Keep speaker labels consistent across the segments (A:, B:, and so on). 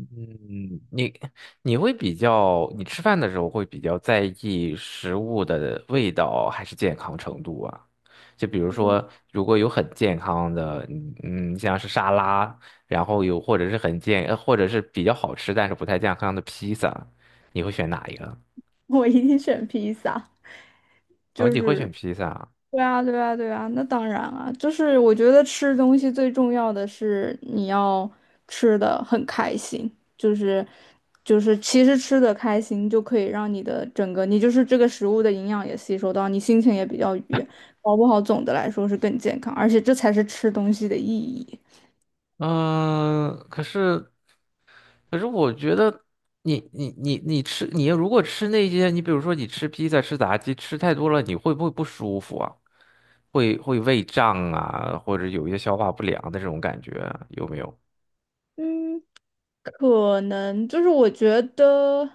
A: 嗯，你你会比较，你吃饭的时候会比较在意食物的味道还是健康程度啊？就比如说，如果有很健康的，像是沙拉，然后有或者是很健，呃或者是比较好吃但是不太健康的披萨，你会选哪一个？
B: 我一定选披萨，
A: 哦，
B: 就
A: 你会
B: 是。
A: 选披萨啊。
B: 对啊，对啊，对啊，那当然啊，就是我觉得吃东西最重要的是你要吃的很开心，就是就是其实吃的开心就可以让你的整个你就是这个食物的营养也吸收到，你心情也比较愉悦，搞不好总的来说是更健康，而且这才是吃东西的意义。
A: 嗯，可是我觉得你如果吃那些，你比如说你吃披萨、吃炸鸡，吃太多了，你会不会不舒服啊？会胃胀啊，或者有一些消化不良的这种感觉啊有没有？
B: 嗯。可能就是我觉得，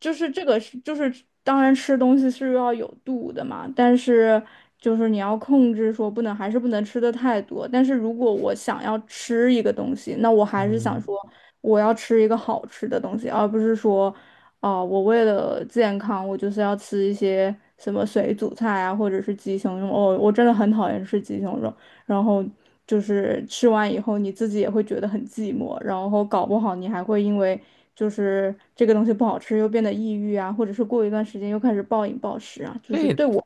B: 就是这个是就是当然吃东西是要有度的嘛，但是就是你要控制说不能还是不能吃的太多。但是如果我想要吃一个东西，那我还是想
A: 嗯，
B: 说我要吃一个好吃的东西，而不是说哦、我为了健康，我就是要吃一些什么水煮菜啊，或者是鸡胸肉。哦，我真的很讨厌吃鸡胸肉。然后就是吃完以后你自己也会觉得很寂寞，然后搞不好你还会因为就是这个东西不好吃又变得抑郁啊，或者是过一段时间又开始暴饮暴食啊，就是
A: 对。
B: 对我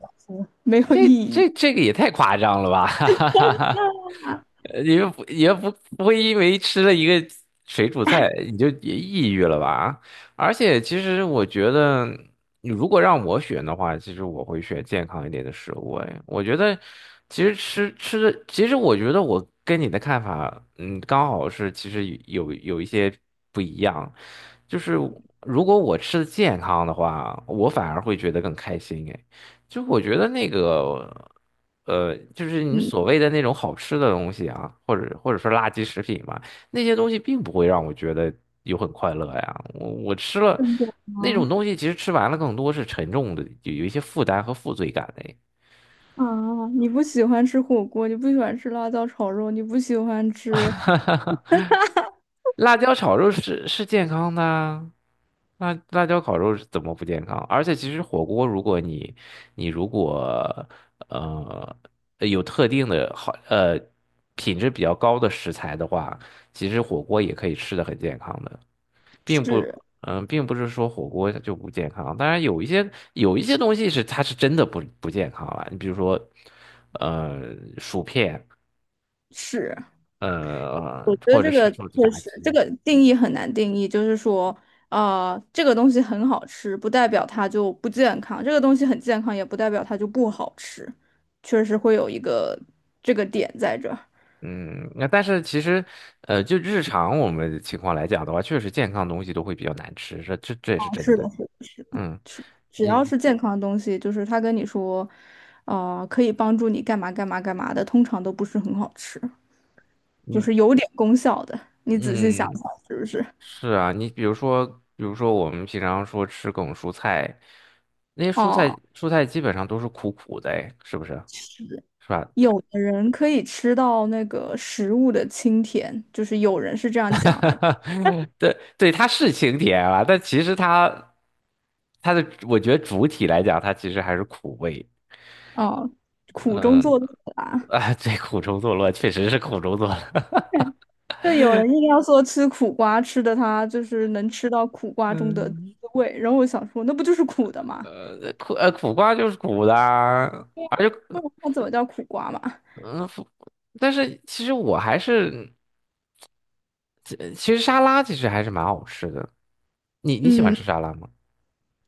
B: 没有意
A: 这
B: 义。
A: 这这个也太夸张了吧！哈哈哈 哈，
B: 那
A: 你们不也不不会因为吃了一个水煮菜你就也抑郁了吧？而且其实我觉得，你如果让我选的话，其实我会选健康一点的食物。哎，我觉得其实吃的，其实我觉得我跟你的看法，嗯，刚好是其实有一些不一样。就是如果我吃的健康的话，我反而会觉得更开心。哎。就我觉得那个，就是你
B: 嗯，
A: 所谓的那种好吃的东西啊，或者说垃圾食品吧，那些东西并不会让我觉得有很快乐呀。我吃了
B: 真的
A: 那种
B: 吗？
A: 东西，其实吃完了更多是沉重的，有一些负担和负罪感的。
B: 啊，你不喜欢吃火锅，你不喜欢吃辣椒炒肉，你不喜欢吃
A: 辣椒炒肉是健康的啊，辣椒烤肉是怎么不健康？而且其实火锅，如果你你如果呃有特定的品质比较高的食材的话，其实火锅也可以吃的很健康的，并不
B: 屎
A: 并不是说火锅它就不健康。当然有一些东西是它是真的不健康了，你比如说呃薯片，
B: 屎。
A: 呃
B: 觉得
A: 或者
B: 这
A: 是
B: 个
A: 说
B: 确
A: 炸
B: 实，这
A: 鸡。
B: 个定义很难定义，就是说，啊，这个东西很好吃，不代表它就不健康；这个东西很健康，也不代表它就不好吃。确实会有一个这个点在这儿。
A: 嗯，那但是其实，呃，就日常我们的情况来讲的话，确实健康的东西都会比较难吃，这也
B: 啊
A: 是真
B: 是
A: 的。
B: 的，是的，是的，
A: 嗯，
B: 只
A: 你
B: 要
A: 如
B: 是健康的东西，就是他跟你说，可以帮助你干嘛干嘛干嘛的，通常都不是很好吃，就
A: 你
B: 是有点功效的。你仔细想
A: 嗯，
B: 想，是不是？
A: 是啊，你比如说，比如说我们平常说吃各种蔬菜，那些蔬菜
B: 哦，
A: 蔬菜基本上都是苦苦的，哎，是不是？
B: 是。
A: 是吧？
B: 有的人可以吃到那个食物的清甜，就是有人是这样讲了，
A: 对对，它是清甜啊，但其实它它的我觉得主体来讲，它其实还是苦味。
B: 啊，苦中
A: 嗯，
B: 作乐啦。
A: 啊，这苦中作乐确实是苦中作乐。
B: 就有人硬要说吃苦瓜，吃的他就是能吃到苦瓜中的滋味，然后我想说，那不就是苦的吗？
A: 苦瓜就是苦的啊，而且
B: 不然它怎么叫苦瓜嘛？
A: 嗯，但是其实我还是，其实沙拉其实还是蛮好吃的。你你喜欢
B: 嗯，
A: 吃沙拉吗？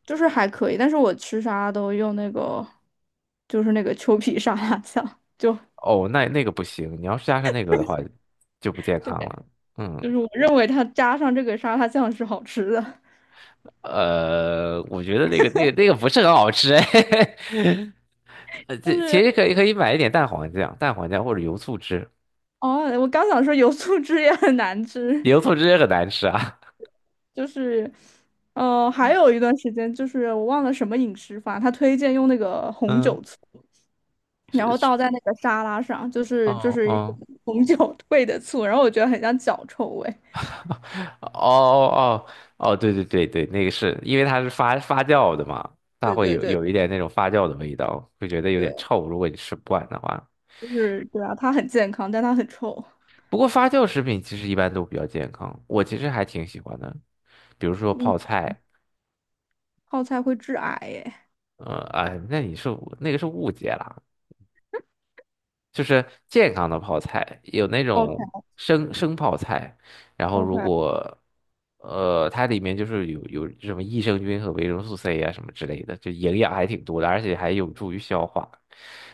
B: 就是还可以，但是我吃啥都用那个，就是那个秋皮沙拉酱，就
A: 哦，那那个不行，你要是加上那个的话，就不健康了。嗯，
B: 就是我认为它加上这个沙拉酱是好吃的，
A: 呃，我觉得那个不是很好吃哎。呃，这
B: 但
A: 其实
B: 是。
A: 可以买一点蛋黄酱，蛋黄酱或者油醋汁。
B: 哦，我刚想说油醋汁也很难吃，
A: 油醋汁也很难吃啊。
B: 就是，还有一段时间就是我忘了什么饮食法，他推荐用那个 红
A: 嗯。
B: 酒醋，然
A: 是
B: 后
A: 是，
B: 倒在那个沙拉上，就
A: 哦
B: 是就是
A: 哦
B: 红酒兑的醋，然后我觉得很像脚臭味。
A: 哦哦哦，哦对对对对，那个是因为它是发酵的嘛，它
B: 对
A: 会
B: 对
A: 有
B: 对
A: 有一点那种发酵的味道，会觉得有
B: 对，
A: 点臭，如果你吃不惯的话。
B: 就是对啊，它很健康，但它很臭。
A: 不过发酵食品其实一般都比较健康，我其实还挺喜欢的，比如说
B: 嗯，
A: 泡菜，
B: 泡菜会致癌耶。
A: 哎，那你是那是误解啦。就是健康的泡菜，有那
B: OK
A: 种生泡菜，然后
B: OK，
A: 它里面就是有什么益生菌和维生素 C 啊什么之类的，就营养还挺多的，而且还有助于消化。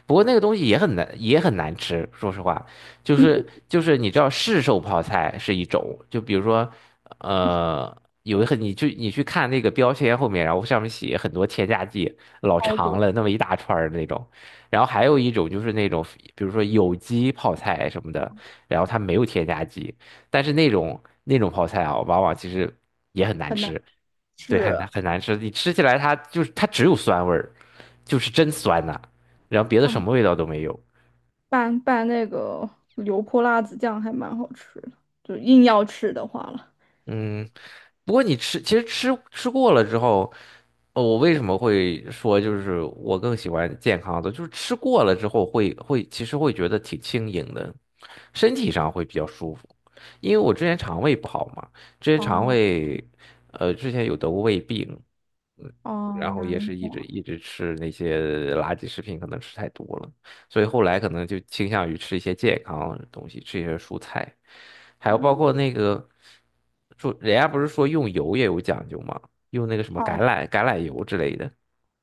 A: 不过那个东西也很难，也很难吃。说实话，就是 就是你知道市售泡菜是一种，就比如说呃。有一很，你去看那个标签后面，然后上面写很多添加剂，老
B: 超
A: 长
B: 多，
A: 了那么一大串儿那种。然后还有一种就是那种，比如说有机泡菜什么的，然后它没有添加剂，但是那种泡菜啊，往往其实也很难
B: 很难
A: 吃，对，
B: 吃
A: 很难吃，你吃起来它就是它只有酸味儿，就是真酸呐、然后别的什
B: 啊！
A: 么味道都没有。
B: 拌拌那个油泼辣子酱还蛮好吃的，就硬要吃的话了。
A: 嗯，不过你吃，其实吃过了之后，呃，我为什么会说就是我更喜欢健康的，就是吃过了之后会，其实会觉得挺轻盈的，身体上会比较舒服。因为我之前肠胃不好嘛，之前肠
B: 哦
A: 胃，之前有得过胃病，嗯，
B: 哦，
A: 然后也
B: 难
A: 是一直
B: 怪
A: 一直吃那些垃圾食品，可能吃太多了。所以后来可能就倾向于吃一些健康的东西，吃一些蔬菜，还有包括那个说人家不是说用油也有讲究吗？用那个什么
B: 嗯
A: 橄
B: 哦，
A: 榄橄榄油之类的。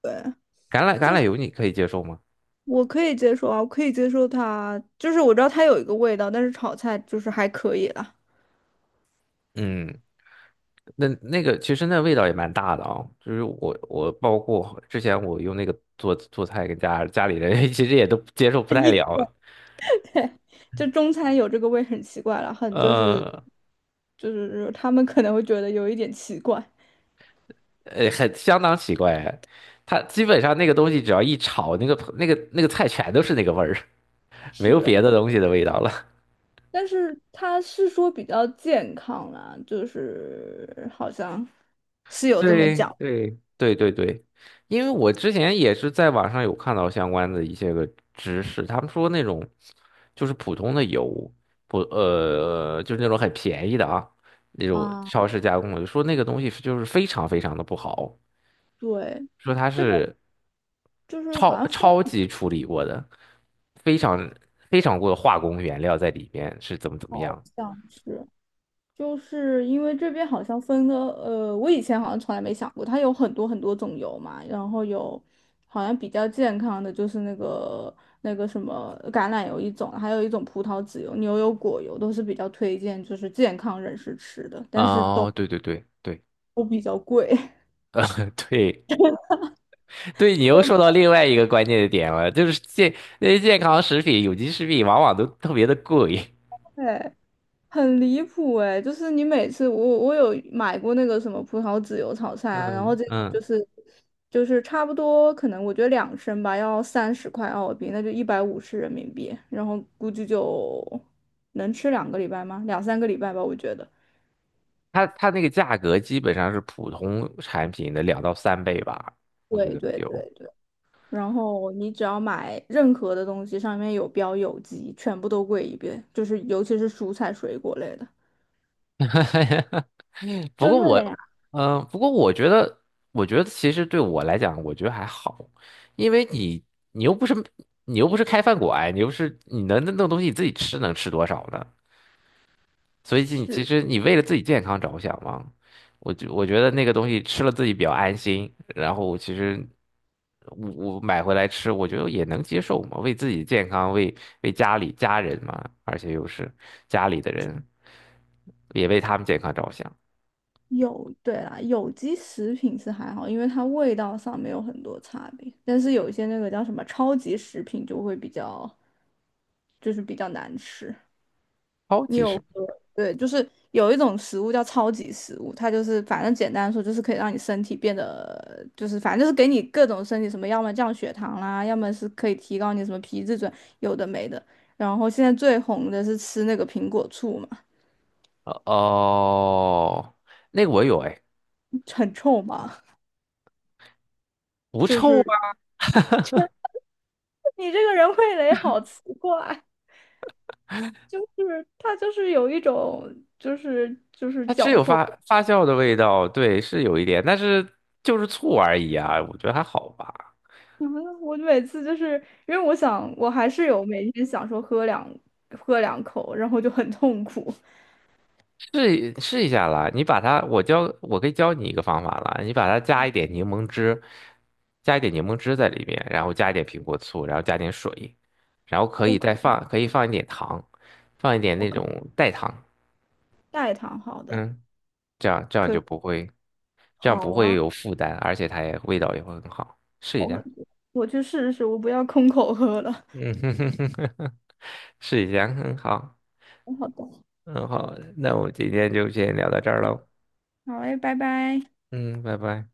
B: 对，
A: 橄榄油你可以接受吗？
B: 我可以接受啊，我可以接受它，就是我知道它有一个味道，但是炒菜就是还可以啦。
A: 嗯，那那个其实那味道也蛮大的啊、就是我我包括之前我用那个做菜跟家里人 其实也都接受不 太
B: 一
A: 了。
B: 就中餐有这个味很奇怪了，很就是
A: 呃，
B: 就是他们可能会觉得有一点奇怪，
A: 呃，很相当奇怪。它基本上那个东西只要一炒，那个菜全都是那个味儿，没有
B: 是，
A: 别的东西的味道了。
B: 但是他是说比较健康啦，就是好像是 有这么
A: 对
B: 讲
A: 对，对对对，因为我之前也是在网上有看到相关的一些个知识，他们说那种就是普通的油，不呃，就是那种很便宜的啊，那种
B: 啊，
A: 超市加工的，说那个东西是就是非常的不好。
B: 对，
A: 说它
B: 这边
A: 是
B: 就是好
A: 超
B: 像风
A: 超级处理过的，非常非常过的化工原料在里面是怎么怎么
B: 好
A: 样。
B: 像是。就是因为这边好像分的，我以前好像从来没想过，它有很多很多种油嘛，然后有好像比较健康的就是那个什么橄榄油一种，还有一种葡萄籽油、牛油果油都是比较推荐，就是健康人士吃的，但是都
A: 哦，对对对对，
B: 都比较贵。
A: 呃，对对，你又说到另外一个关键的点了，就是健那些健康食品、有机食品往往都特别的贵
B: 对，很离谱哎、就是你每次我有买过那个什么葡萄籽油炒 菜啊，然后
A: 嗯
B: 这个就
A: 嗯，
B: 是差不多，可能我觉得2升吧，要30块澳币，那就150人民币，然后估计就能吃2个礼拜吗？2、3个礼拜吧，我觉得。
A: 它它那个价格基本上是普通产品的两到三倍吧，我觉
B: 对
A: 得
B: 对
A: 有。
B: 对对，然后你只要买任何的东西，上面有标有机，全部都贵一遍，就是尤其是蔬菜水果类的，
A: 哈哈，不
B: 真
A: 过
B: 的
A: 我，
B: 呀。
A: 嗯、不过我觉得，我觉得其实对我来讲，我觉得还好，因为你，你又不是，你又不是开饭馆，你又不是，你能那弄东西你自己吃能吃多少呢？所以你其
B: 是。
A: 实你为了自己健康着想嘛，我觉得那个东西吃了自己比较安心，然后其实我买回来吃，我觉得也能接受嘛，为自己的健康，为家里家人嘛，而且又是家里的人，也为他们健康着想。
B: 有，对啦，有机食品是还好，因为它味道上没有很多差别，但是有一些那个叫什么超级食品就会比较，就是比较难吃。
A: 超
B: 你
A: 级
B: 有
A: 市
B: 喝，对，就是有一种食物叫超级食物，它就是反正简单说就是可以让你身体变得，就是反正就是给你各种身体什么，要么降血糖啦，要么是可以提高你什么皮质醇，有的没的。然后现在最红的是吃那个苹果醋嘛，
A: 哦哦，那个我有哎，
B: 很臭嘛，
A: 不
B: 就
A: 臭
B: 是。
A: 啊，
B: 你这个人味蕾好奇怪，就是他就是有一种就是
A: 它只
B: 脚
A: 有
B: 臭
A: 发
B: 味
A: 发酵的味道，对，是有一点，但是就是醋而已啊，我觉得还好吧。
B: 你们 我每次就是因为我想我还是有每天想说喝两口，然后就很痛苦。
A: 试试一下啦，你把它，我教，我可以教你一个方法啦，你把它加一点柠檬汁，加一点柠檬汁在里面，然后加一点苹果醋，然后加点水，然后
B: 我可
A: 可以放一点糖，放一点
B: 我
A: 那
B: 可
A: 种代糖，
B: 代糖好的，
A: 嗯，这样
B: 可以
A: 就不会。这样不
B: 好
A: 会
B: 啊，
A: 有负担，而且它也味道也会很好。试一
B: 好很
A: 下，
B: 多。我去试试，我不要空口喝了。
A: 嗯哼哼哼哼哼，试一下，很好，
B: 好的，
A: 很好。那我们今天就先聊到这儿喽，
B: 好嘞，拜拜。
A: 嗯，拜拜。